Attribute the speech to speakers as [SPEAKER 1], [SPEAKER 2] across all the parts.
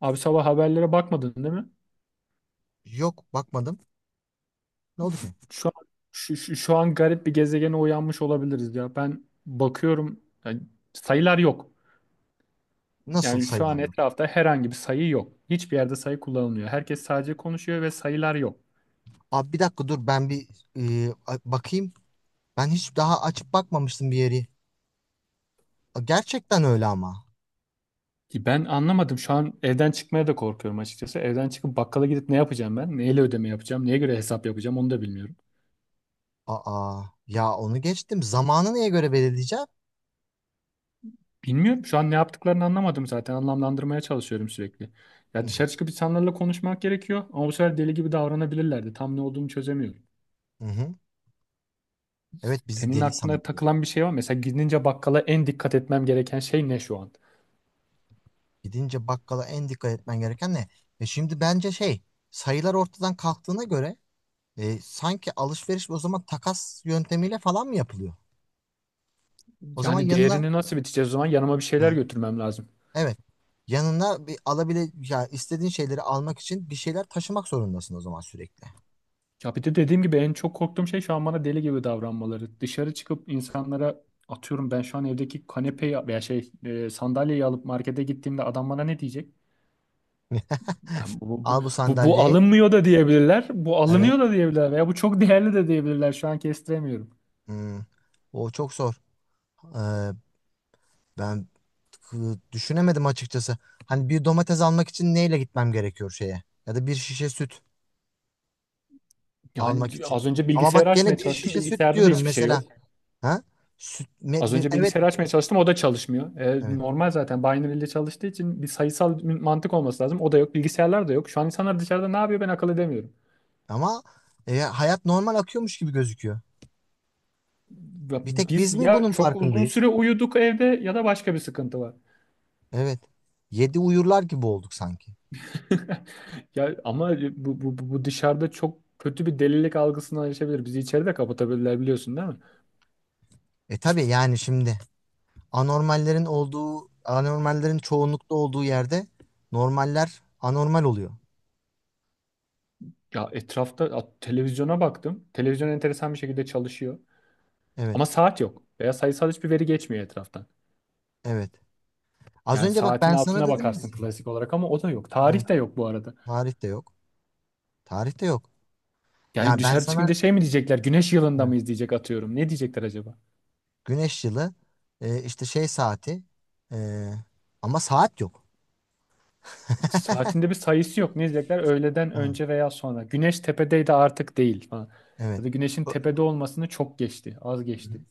[SPEAKER 1] Abi sabah haberlere bakmadın değil mi?
[SPEAKER 2] Yok, bakmadım. Ne oldu ki?
[SPEAKER 1] Şu an, şu an garip bir gezegene uyanmış olabiliriz ya. Ben bakıyorum, yani sayılar yok.
[SPEAKER 2] Nasıl
[SPEAKER 1] Yani şu an
[SPEAKER 2] sayılar yok?
[SPEAKER 1] etrafta herhangi bir sayı yok. Hiçbir yerde sayı kullanılmıyor. Herkes sadece konuşuyor ve sayılar yok.
[SPEAKER 2] Abi bir dakika dur, ben bir bakayım. Ben hiç daha açıp bakmamıştım bir yeri. A, gerçekten öyle ama.
[SPEAKER 1] Ben anlamadım. Şu an evden çıkmaya da korkuyorum açıkçası. Evden çıkıp bakkala gidip ne yapacağım ben? Neyle ödeme yapacağım? Neye göre hesap yapacağım? Onu da bilmiyorum.
[SPEAKER 2] Aa ya, onu geçtim. Zamanı neye göre belirleyeceğim?
[SPEAKER 1] Bilmiyorum. Şu an ne yaptıklarını anlamadım zaten. Anlamlandırmaya çalışıyorum sürekli. Ya
[SPEAKER 2] Hı
[SPEAKER 1] dışarı çıkıp insanlarla konuşmak gerekiyor ama bu sefer deli gibi davranabilirlerdi. Tam ne olduğunu çözemiyorum.
[SPEAKER 2] hı. Evet, bizi
[SPEAKER 1] Senin
[SPEAKER 2] deli
[SPEAKER 1] aklına
[SPEAKER 2] sanabilir.
[SPEAKER 1] takılan bir şey var mı? Mesela gidince bakkala en dikkat etmem gereken şey ne şu an?
[SPEAKER 2] Gidince bakkala en dikkat etmen gereken ne? Şimdi bence şey, sayılar ortadan kalktığına göre, sanki alışveriş o zaman takas yöntemiyle falan mı yapılıyor? O zaman
[SPEAKER 1] Yani
[SPEAKER 2] yanına.
[SPEAKER 1] değerini nasıl biteceğiz o zaman? Yanıma bir şeyler
[SPEAKER 2] Hı.
[SPEAKER 1] götürmem lazım.
[SPEAKER 2] Evet. Yanına bir alabile ya, istediğin şeyleri almak için bir şeyler taşımak zorundasın o zaman sürekli.
[SPEAKER 1] Ya bir de dediğim gibi en çok korktuğum şey şu an bana deli gibi davranmaları. Dışarı çıkıp insanlara atıyorum ben şu an evdeki kanepeyi veya sandalyeyi alıp markete gittiğimde adam bana ne diyecek? Yani
[SPEAKER 2] Al bu
[SPEAKER 1] bu
[SPEAKER 2] sandalyeyi.
[SPEAKER 1] alınmıyor da diyebilirler. Bu
[SPEAKER 2] Evet.
[SPEAKER 1] alınıyor da diyebilirler. Veya bu çok değerli de diyebilirler. Şu an kestiremiyorum.
[SPEAKER 2] Hmm. O çok zor. Ee, Ben düşünemedim açıkçası. Hani bir domates almak için neyle gitmem gerekiyor şeye? Ya da bir şişe süt
[SPEAKER 1] Yani
[SPEAKER 2] almak için.
[SPEAKER 1] az önce
[SPEAKER 2] Ama
[SPEAKER 1] bilgisayarı
[SPEAKER 2] bak
[SPEAKER 1] açmaya
[SPEAKER 2] gene bir
[SPEAKER 1] çalıştım.
[SPEAKER 2] şişe süt
[SPEAKER 1] Bilgisayarda da
[SPEAKER 2] diyorum
[SPEAKER 1] hiçbir şey
[SPEAKER 2] mesela.
[SPEAKER 1] yok.
[SPEAKER 2] Ha? Süt,
[SPEAKER 1] Az önce
[SPEAKER 2] evet.
[SPEAKER 1] bilgisayarı açmaya çalıştım. O da çalışmıyor. E,
[SPEAKER 2] Evet.
[SPEAKER 1] normal zaten. Binary ile çalıştığı için bir sayısal mantık olması lazım. O da yok. Bilgisayarlar da yok. Şu an insanlar dışarıda ne yapıyor ben akıl edemiyorum.
[SPEAKER 2] Ama hayat normal akıyormuş gibi gözüküyor. Bir tek
[SPEAKER 1] Biz
[SPEAKER 2] biz mi
[SPEAKER 1] ya
[SPEAKER 2] bunun
[SPEAKER 1] çok uzun
[SPEAKER 2] farkındayız?
[SPEAKER 1] süre uyuduk evde ya da başka bir sıkıntı var.
[SPEAKER 2] Evet. Yedi uyurlar gibi olduk sanki.
[SPEAKER 1] Ya ama bu dışarıda çok kötü bir delilik algısından açabilir. Bizi içeride kapatabilirler, biliyorsun değil mi?
[SPEAKER 2] Tabii, yani şimdi anormallerin olduğu, anormallerin çoğunlukta olduğu yerde normaller anormal oluyor.
[SPEAKER 1] Ya etrafta, ya televizyona baktım. Televizyon enteresan bir şekilde çalışıyor.
[SPEAKER 2] Evet,
[SPEAKER 1] Ama saat yok. Veya sayısal hiçbir veri geçmiyor etraftan.
[SPEAKER 2] evet. Az
[SPEAKER 1] Yani
[SPEAKER 2] önce bak,
[SPEAKER 1] saatin
[SPEAKER 2] ben sana
[SPEAKER 1] altına
[SPEAKER 2] dedim mi?
[SPEAKER 1] bakarsın klasik olarak ama o da yok.
[SPEAKER 2] Evet,
[SPEAKER 1] Tarih de yok bu arada.
[SPEAKER 2] tarih de yok. Tarih de yok.
[SPEAKER 1] Yani
[SPEAKER 2] Yani ben
[SPEAKER 1] dışarı
[SPEAKER 2] sana.
[SPEAKER 1] çıkınca şey mi diyecekler? Güneş yılında
[SPEAKER 2] Evet.
[SPEAKER 1] mıyız diyecek atıyorum. Ne diyecekler acaba?
[SPEAKER 2] Güneş yılı, işte şey saati, e, ama saat yok.
[SPEAKER 1] İşte saatinde bir sayısı yok. Ne diyecekler? Öğleden
[SPEAKER 2] Evet.
[SPEAKER 1] önce veya sonra. Güneş tepedeydi artık değil falan.
[SPEAKER 2] Evet.
[SPEAKER 1] Ya da güneşin
[SPEAKER 2] Ö-
[SPEAKER 1] tepede olmasını çok geçti. Az geçti.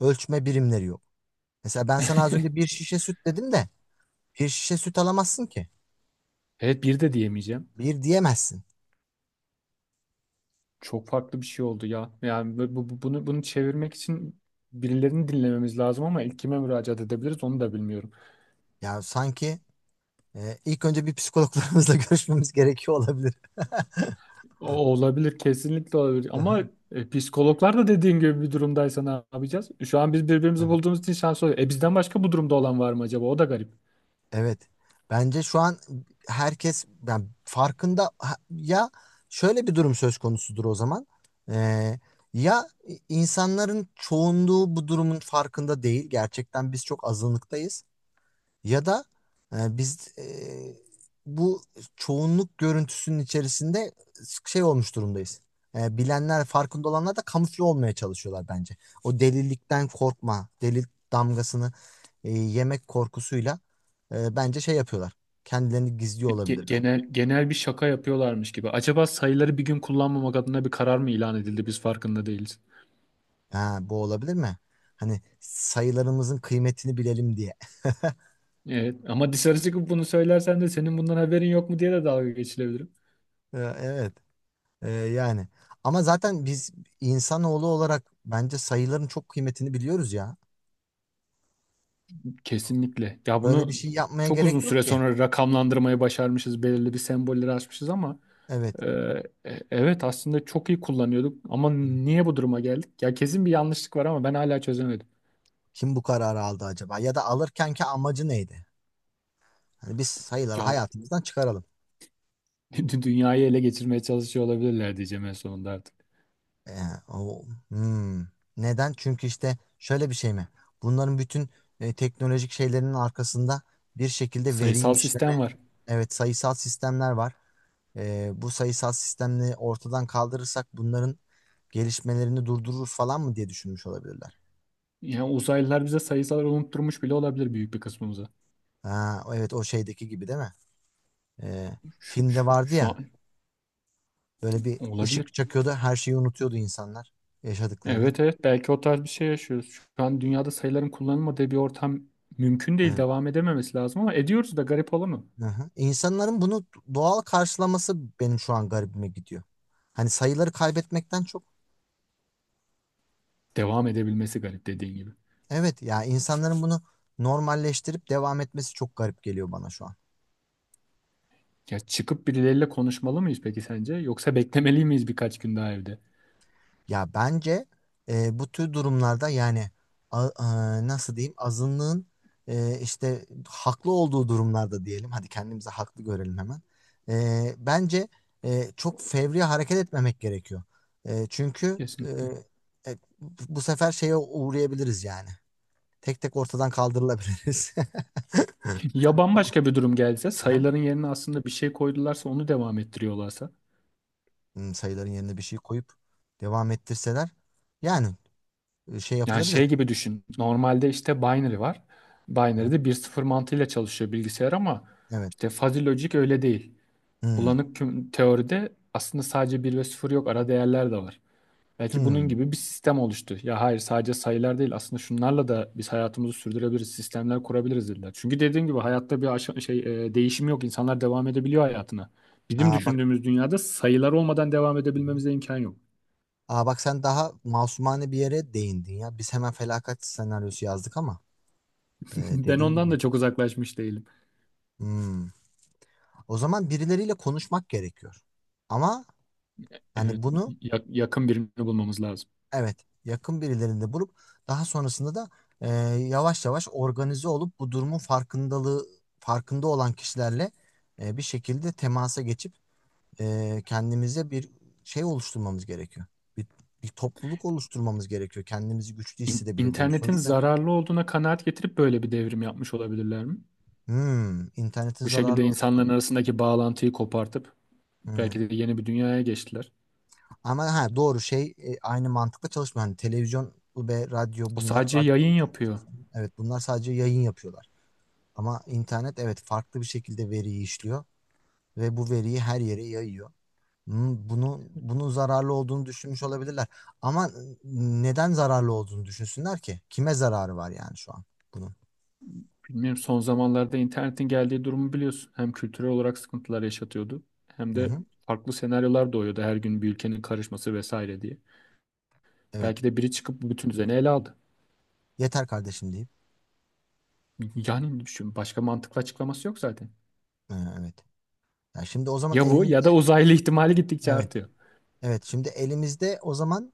[SPEAKER 2] Ölçme birimleri yok. Mesela ben sana az önce bir şişe süt dedim de bir şişe süt alamazsın ki.
[SPEAKER 1] Evet, bir de diyemeyeceğim.
[SPEAKER 2] Bir diyemezsin.
[SPEAKER 1] Çok farklı bir şey oldu ya. Yani bunu çevirmek için birilerini dinlememiz lazım ama ilk kime müracaat edebiliriz onu da bilmiyorum.
[SPEAKER 2] Yani sanki ilk önce bir psikologlarımızla görüşmemiz gerekiyor olabilir.
[SPEAKER 1] O olabilir, kesinlikle olabilir ama
[SPEAKER 2] Aha.
[SPEAKER 1] psikologlar da dediğin gibi bir durumdaysa ne yapacağız? Şu an biz birbirimizi
[SPEAKER 2] Evet.
[SPEAKER 1] bulduğumuz için şanslı oluyor. E bizden başka bu durumda olan var mı acaba? O da garip.
[SPEAKER 2] Evet. Bence şu an herkes yani farkında, ya şöyle bir durum söz konusudur o zaman. Ee, Ya, insanların çoğunluğu bu durumun farkında değil. Gerçekten biz çok azınlıktayız. Ya da biz bu çoğunluk görüntüsünün içerisinde şey olmuş durumdayız. Bilenler, farkında olanlar da kamufle olmaya çalışıyorlar bence. O delilikten korkma, delil damgasını yemek korkusuyla, bence şey yapıyorlar. Kendilerini gizliyor
[SPEAKER 1] ge-
[SPEAKER 2] olabilirler.
[SPEAKER 1] genel genel bir şaka yapıyorlarmış gibi. Acaba sayıları bir gün kullanmamak adına bir karar mı ilan edildi? Biz farkında değiliz.
[SPEAKER 2] Ha, bu olabilir mi? Hani sayılarımızın kıymetini bilelim diye.
[SPEAKER 1] Evet ama dışarı çıkıp bunu söylersen de senin bundan haberin yok mu diye de dalga geçilebilirim.
[SPEAKER 2] Evet, yani. Ama zaten biz insanoğlu olarak bence sayıların çok kıymetini biliyoruz ya.
[SPEAKER 1] Kesinlikle. Ya
[SPEAKER 2] Böyle bir
[SPEAKER 1] bunu
[SPEAKER 2] şey yapmaya
[SPEAKER 1] çok uzun
[SPEAKER 2] gerek yok
[SPEAKER 1] süre
[SPEAKER 2] ki.
[SPEAKER 1] sonra rakamlandırmayı başarmışız. Belirli bir sembolleri açmışız ama
[SPEAKER 2] Evet.
[SPEAKER 1] e, evet aslında çok iyi kullanıyorduk. Ama
[SPEAKER 2] Hı hı.
[SPEAKER 1] niye bu duruma geldik? Ya kesin bir yanlışlık var ama ben hala çözemedim.
[SPEAKER 2] Kim bu kararı aldı acaba? Ya da alırkenki amacı neydi? Hani biz sayıları
[SPEAKER 1] Ya
[SPEAKER 2] hayatımızdan çıkaralım.
[SPEAKER 1] dünyayı ele geçirmeye çalışıyor olabilirler diyeceğim en sonunda artık.
[SPEAKER 2] Ee, hmm. Neden? Çünkü işte şöyle bir şey mi? Bunların bütün teknolojik şeylerinin arkasında bir şekilde
[SPEAKER 1] Sayısal
[SPEAKER 2] veriyi
[SPEAKER 1] sistem
[SPEAKER 2] işleme,
[SPEAKER 1] var.
[SPEAKER 2] evet sayısal sistemler var. Bu sayısal sistemleri ortadan kaldırırsak bunların gelişmelerini durdurur falan mı diye düşünmüş olabilirler.
[SPEAKER 1] Yani uzaylılar bize sayısalları unutturmuş bile olabilir büyük bir kısmımıza.
[SPEAKER 2] Ha, evet, o şeydeki gibi değil mi? Ee,
[SPEAKER 1] Şu, şu,
[SPEAKER 2] Filmde vardı
[SPEAKER 1] şu
[SPEAKER 2] ya.
[SPEAKER 1] an
[SPEAKER 2] Böyle bir
[SPEAKER 1] olabilir.
[SPEAKER 2] ışık çakıyordu, her şeyi unutuyordu insanlar yaşadıklarını.
[SPEAKER 1] Evet evet, belki o tarz bir şey yaşıyoruz. Şu an dünyada sayıların kullanılmadığı bir ortam mümkün değil.
[SPEAKER 2] Evet.
[SPEAKER 1] Devam edememesi lazım ama ediyoruz da, garip olanı.
[SPEAKER 2] Hı hı. İnsanların bunu doğal karşılaması benim şu an garibime gidiyor. Hani sayıları kaybetmekten çok.
[SPEAKER 1] Devam edebilmesi garip dediğin gibi.
[SPEAKER 2] Evet ya, insanların bunu normalleştirip devam etmesi çok garip geliyor bana şu an.
[SPEAKER 1] Ya çıkıp birileriyle konuşmalı mıyız peki sence? Yoksa beklemeli miyiz birkaç gün daha evde?
[SPEAKER 2] Ya bence bu tür durumlarda yani, nasıl diyeyim, azınlığın işte haklı olduğu durumlarda diyelim, hadi kendimizi haklı görelim hemen. Bence çok fevri hareket etmemek gerekiyor. Çünkü
[SPEAKER 1] Kesin.
[SPEAKER 2] e, bu sefer şeye uğrayabiliriz yani. Tek tek ortadan kaldırılabiliriz.
[SPEAKER 1] Ya bambaşka bir durum gelse,
[SPEAKER 2] Aha.
[SPEAKER 1] sayıların yerine aslında bir şey koydularsa, onu devam ettiriyorlarsa.
[SPEAKER 2] Hmm, sayıların yerine bir şey koyup devam ettirseler, yani şey
[SPEAKER 1] Yani
[SPEAKER 2] yapılabilir.
[SPEAKER 1] şey gibi düşün. Normalde işte binary var.
[SPEAKER 2] Hı hı.
[SPEAKER 1] Binary'de bir sıfır mantığıyla çalışıyor bilgisayar ama
[SPEAKER 2] Evet.
[SPEAKER 1] işte fuzzy logic öyle değil.
[SPEAKER 2] Hmm.
[SPEAKER 1] Teoride aslında sadece bir ve sıfır yok. Ara değerler de var. Belki bunun
[SPEAKER 2] Hmm.
[SPEAKER 1] gibi bir sistem oluştu. Ya hayır, sadece sayılar değil. Aslında şunlarla da biz hayatımızı sürdürebiliriz. Sistemler kurabiliriz dediler. Çünkü dediğim gibi hayatta bir aşa- şey e, değişim yok. İnsanlar devam edebiliyor hayatına. Bizim
[SPEAKER 2] Aa, bak.
[SPEAKER 1] düşündüğümüz dünyada sayılar olmadan devam
[SPEAKER 2] Hı hı.
[SPEAKER 1] edebilmemize imkan yok.
[SPEAKER 2] Aa, bak, sen daha masumane bir yere değindin ya. Biz hemen felaket senaryosu yazdık ama, e,
[SPEAKER 1] Ben
[SPEAKER 2] dediğin
[SPEAKER 1] ondan
[SPEAKER 2] gibi.
[SPEAKER 1] da çok uzaklaşmış değilim.
[SPEAKER 2] Hmm. O zaman birileriyle konuşmak gerekiyor. Ama hani
[SPEAKER 1] Evet,
[SPEAKER 2] bunu,
[SPEAKER 1] yakın birini bulmamız lazım.
[SPEAKER 2] evet, yakın birilerinde bulup, daha sonrasında da, e, yavaş yavaş organize olup bu durumun farkındalığı, farkında olan kişilerle bir şekilde temasa geçip, kendimize bir şey oluşturmamız gerekiyor. Bir, bir topluluk oluşturmamız gerekiyor. Kendimizi güçlü
[SPEAKER 1] İn-
[SPEAKER 2] hissedebileceğimiz.
[SPEAKER 1] İnternetin
[SPEAKER 2] Sonuçta.
[SPEAKER 1] zararlı olduğuna kanaat getirip böyle bir devrim yapmış olabilirler mi?
[SPEAKER 2] Hmm, internetin
[SPEAKER 1] Bu şekilde
[SPEAKER 2] zararlı.
[SPEAKER 1] insanların arasındaki bağlantıyı kopartıp
[SPEAKER 2] Hmm.
[SPEAKER 1] belki de yeni bir dünyaya geçtiler.
[SPEAKER 2] Ama ha, doğru, şey aynı mantıkla çalışmıyor. Hani televizyon ve radyo,
[SPEAKER 1] O
[SPEAKER 2] bunlar
[SPEAKER 1] sadece
[SPEAKER 2] radyo.
[SPEAKER 1] yayın yapıyor.
[SPEAKER 2] Evet, bunlar sadece yayın yapıyorlar. Ama internet, evet, farklı bir şekilde veriyi işliyor ve bu veriyi her yere yayıyor. Hmm, bunu bunun zararlı olduğunu düşünmüş olabilirler. Ama neden zararlı olduğunu düşünsünler ki? Kime zararı var yani şu an bunun?
[SPEAKER 1] Bilmiyorum, son zamanlarda internetin geldiği durumu biliyorsun. Hem kültürel olarak sıkıntılar yaşatıyordu hem
[SPEAKER 2] Hı
[SPEAKER 1] de
[SPEAKER 2] hı.
[SPEAKER 1] farklı senaryolar doğuyordu her gün, bir ülkenin karışması vesaire diye.
[SPEAKER 2] Evet.
[SPEAKER 1] Belki de biri çıkıp bütün düzeni ele aldı.
[SPEAKER 2] Yeter kardeşim deyip.
[SPEAKER 1] Yani düşün, başka mantıklı açıklaması yok zaten.
[SPEAKER 2] Evet. Ya şimdi o zaman
[SPEAKER 1] Ya bu ya
[SPEAKER 2] elimizde.
[SPEAKER 1] da uzaylı ihtimali gittikçe
[SPEAKER 2] Evet.
[SPEAKER 1] artıyor.
[SPEAKER 2] Evet, şimdi elimizde o zaman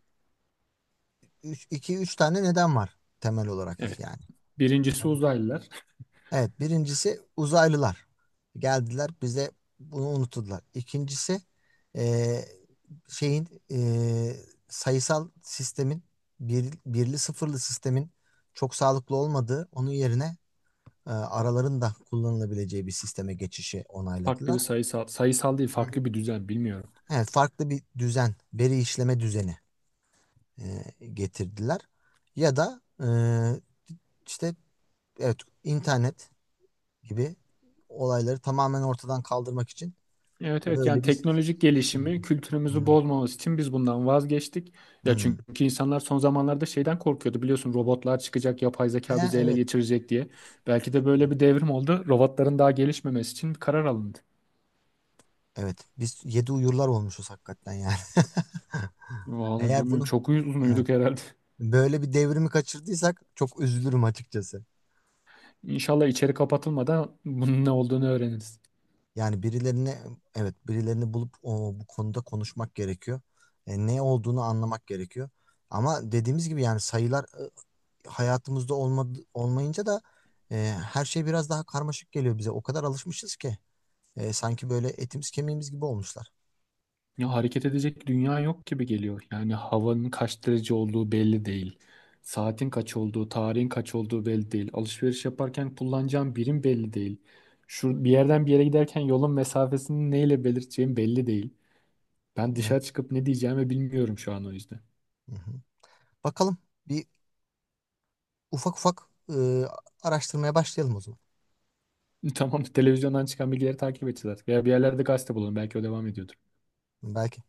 [SPEAKER 2] üç, iki üç tane neden var temel olarak
[SPEAKER 1] Evet.
[SPEAKER 2] yani.
[SPEAKER 1] Birincisi uzaylılar.
[SPEAKER 2] Evet, birincisi uzaylılar. Geldiler, bize bunu unuttular. İkincisi eee, şeyin, sayısal sistemin, birli sıfırlı sistemin çok sağlıklı olmadığı, onun yerine araların da kullanılabileceği bir sisteme geçişi
[SPEAKER 1] Farklı bir
[SPEAKER 2] onayladılar.
[SPEAKER 1] sayısal, sayısal değil, farklı bir düzen bilmiyorum.
[SPEAKER 2] Evet, farklı bir düzen, veri işleme düzeni eee, getirdiler. Ya da işte, evet, internet gibi olayları tamamen ortadan kaldırmak için
[SPEAKER 1] Evet evet, yani
[SPEAKER 2] böyle bir.
[SPEAKER 1] teknolojik gelişimi kültürümüzü
[SPEAKER 2] Hmm.
[SPEAKER 1] bozmaması için biz bundan vazgeçtik. Ya
[SPEAKER 2] Hmm.
[SPEAKER 1] çünkü insanlar son zamanlarda şeyden korkuyordu biliyorsun, robotlar çıkacak, yapay zeka bizi ele
[SPEAKER 2] Evet,
[SPEAKER 1] geçirecek diye. Belki de böyle bir devrim oldu. Robotların daha gelişmemesi için bir karar alındı.
[SPEAKER 2] evet, biz yedi uyurlar olmuşuz hakikaten yani.
[SPEAKER 1] Vallahi
[SPEAKER 2] Eğer
[SPEAKER 1] bilmiyorum,
[SPEAKER 2] bunu,
[SPEAKER 1] çok uzun
[SPEAKER 2] evet,
[SPEAKER 1] uyuduk herhalde.
[SPEAKER 2] böyle bir devrimi kaçırdıysak çok üzülürüm açıkçası.
[SPEAKER 1] İnşallah içeri kapatılmadan bunun ne olduğunu öğreniriz.
[SPEAKER 2] Yani birilerini, evet, birilerini bulup, bu konuda konuşmak gerekiyor. Ne olduğunu anlamak gerekiyor. Ama dediğimiz gibi yani, sayılar hayatımızda olmadı, olmayınca da e, her şey biraz daha karmaşık geliyor bize. O kadar alışmışız ki, sanki böyle etimiz kemiğimiz gibi olmuşlar.
[SPEAKER 1] Ya hareket edecek dünya yok gibi geliyor. Yani havanın kaç derece olduğu belli değil. Saatin kaç olduğu, tarihin kaç olduğu belli değil. Alışveriş yaparken kullanacağım birim belli değil. Şu bir yerden bir yere giderken yolun mesafesini neyle belirteceğim belli değil. Ben
[SPEAKER 2] Evet.
[SPEAKER 1] dışarı çıkıp ne diyeceğimi bilmiyorum şu an, o yüzden.
[SPEAKER 2] Hı hı. Bakalım, bir ufak ufak araştırmaya başlayalım o zaman.
[SPEAKER 1] Tamam, televizyondan çıkan bilgileri takip edeceğiz artık. Ya bir yerlerde gazete bulalım, belki o devam ediyordur.
[SPEAKER 2] Belki.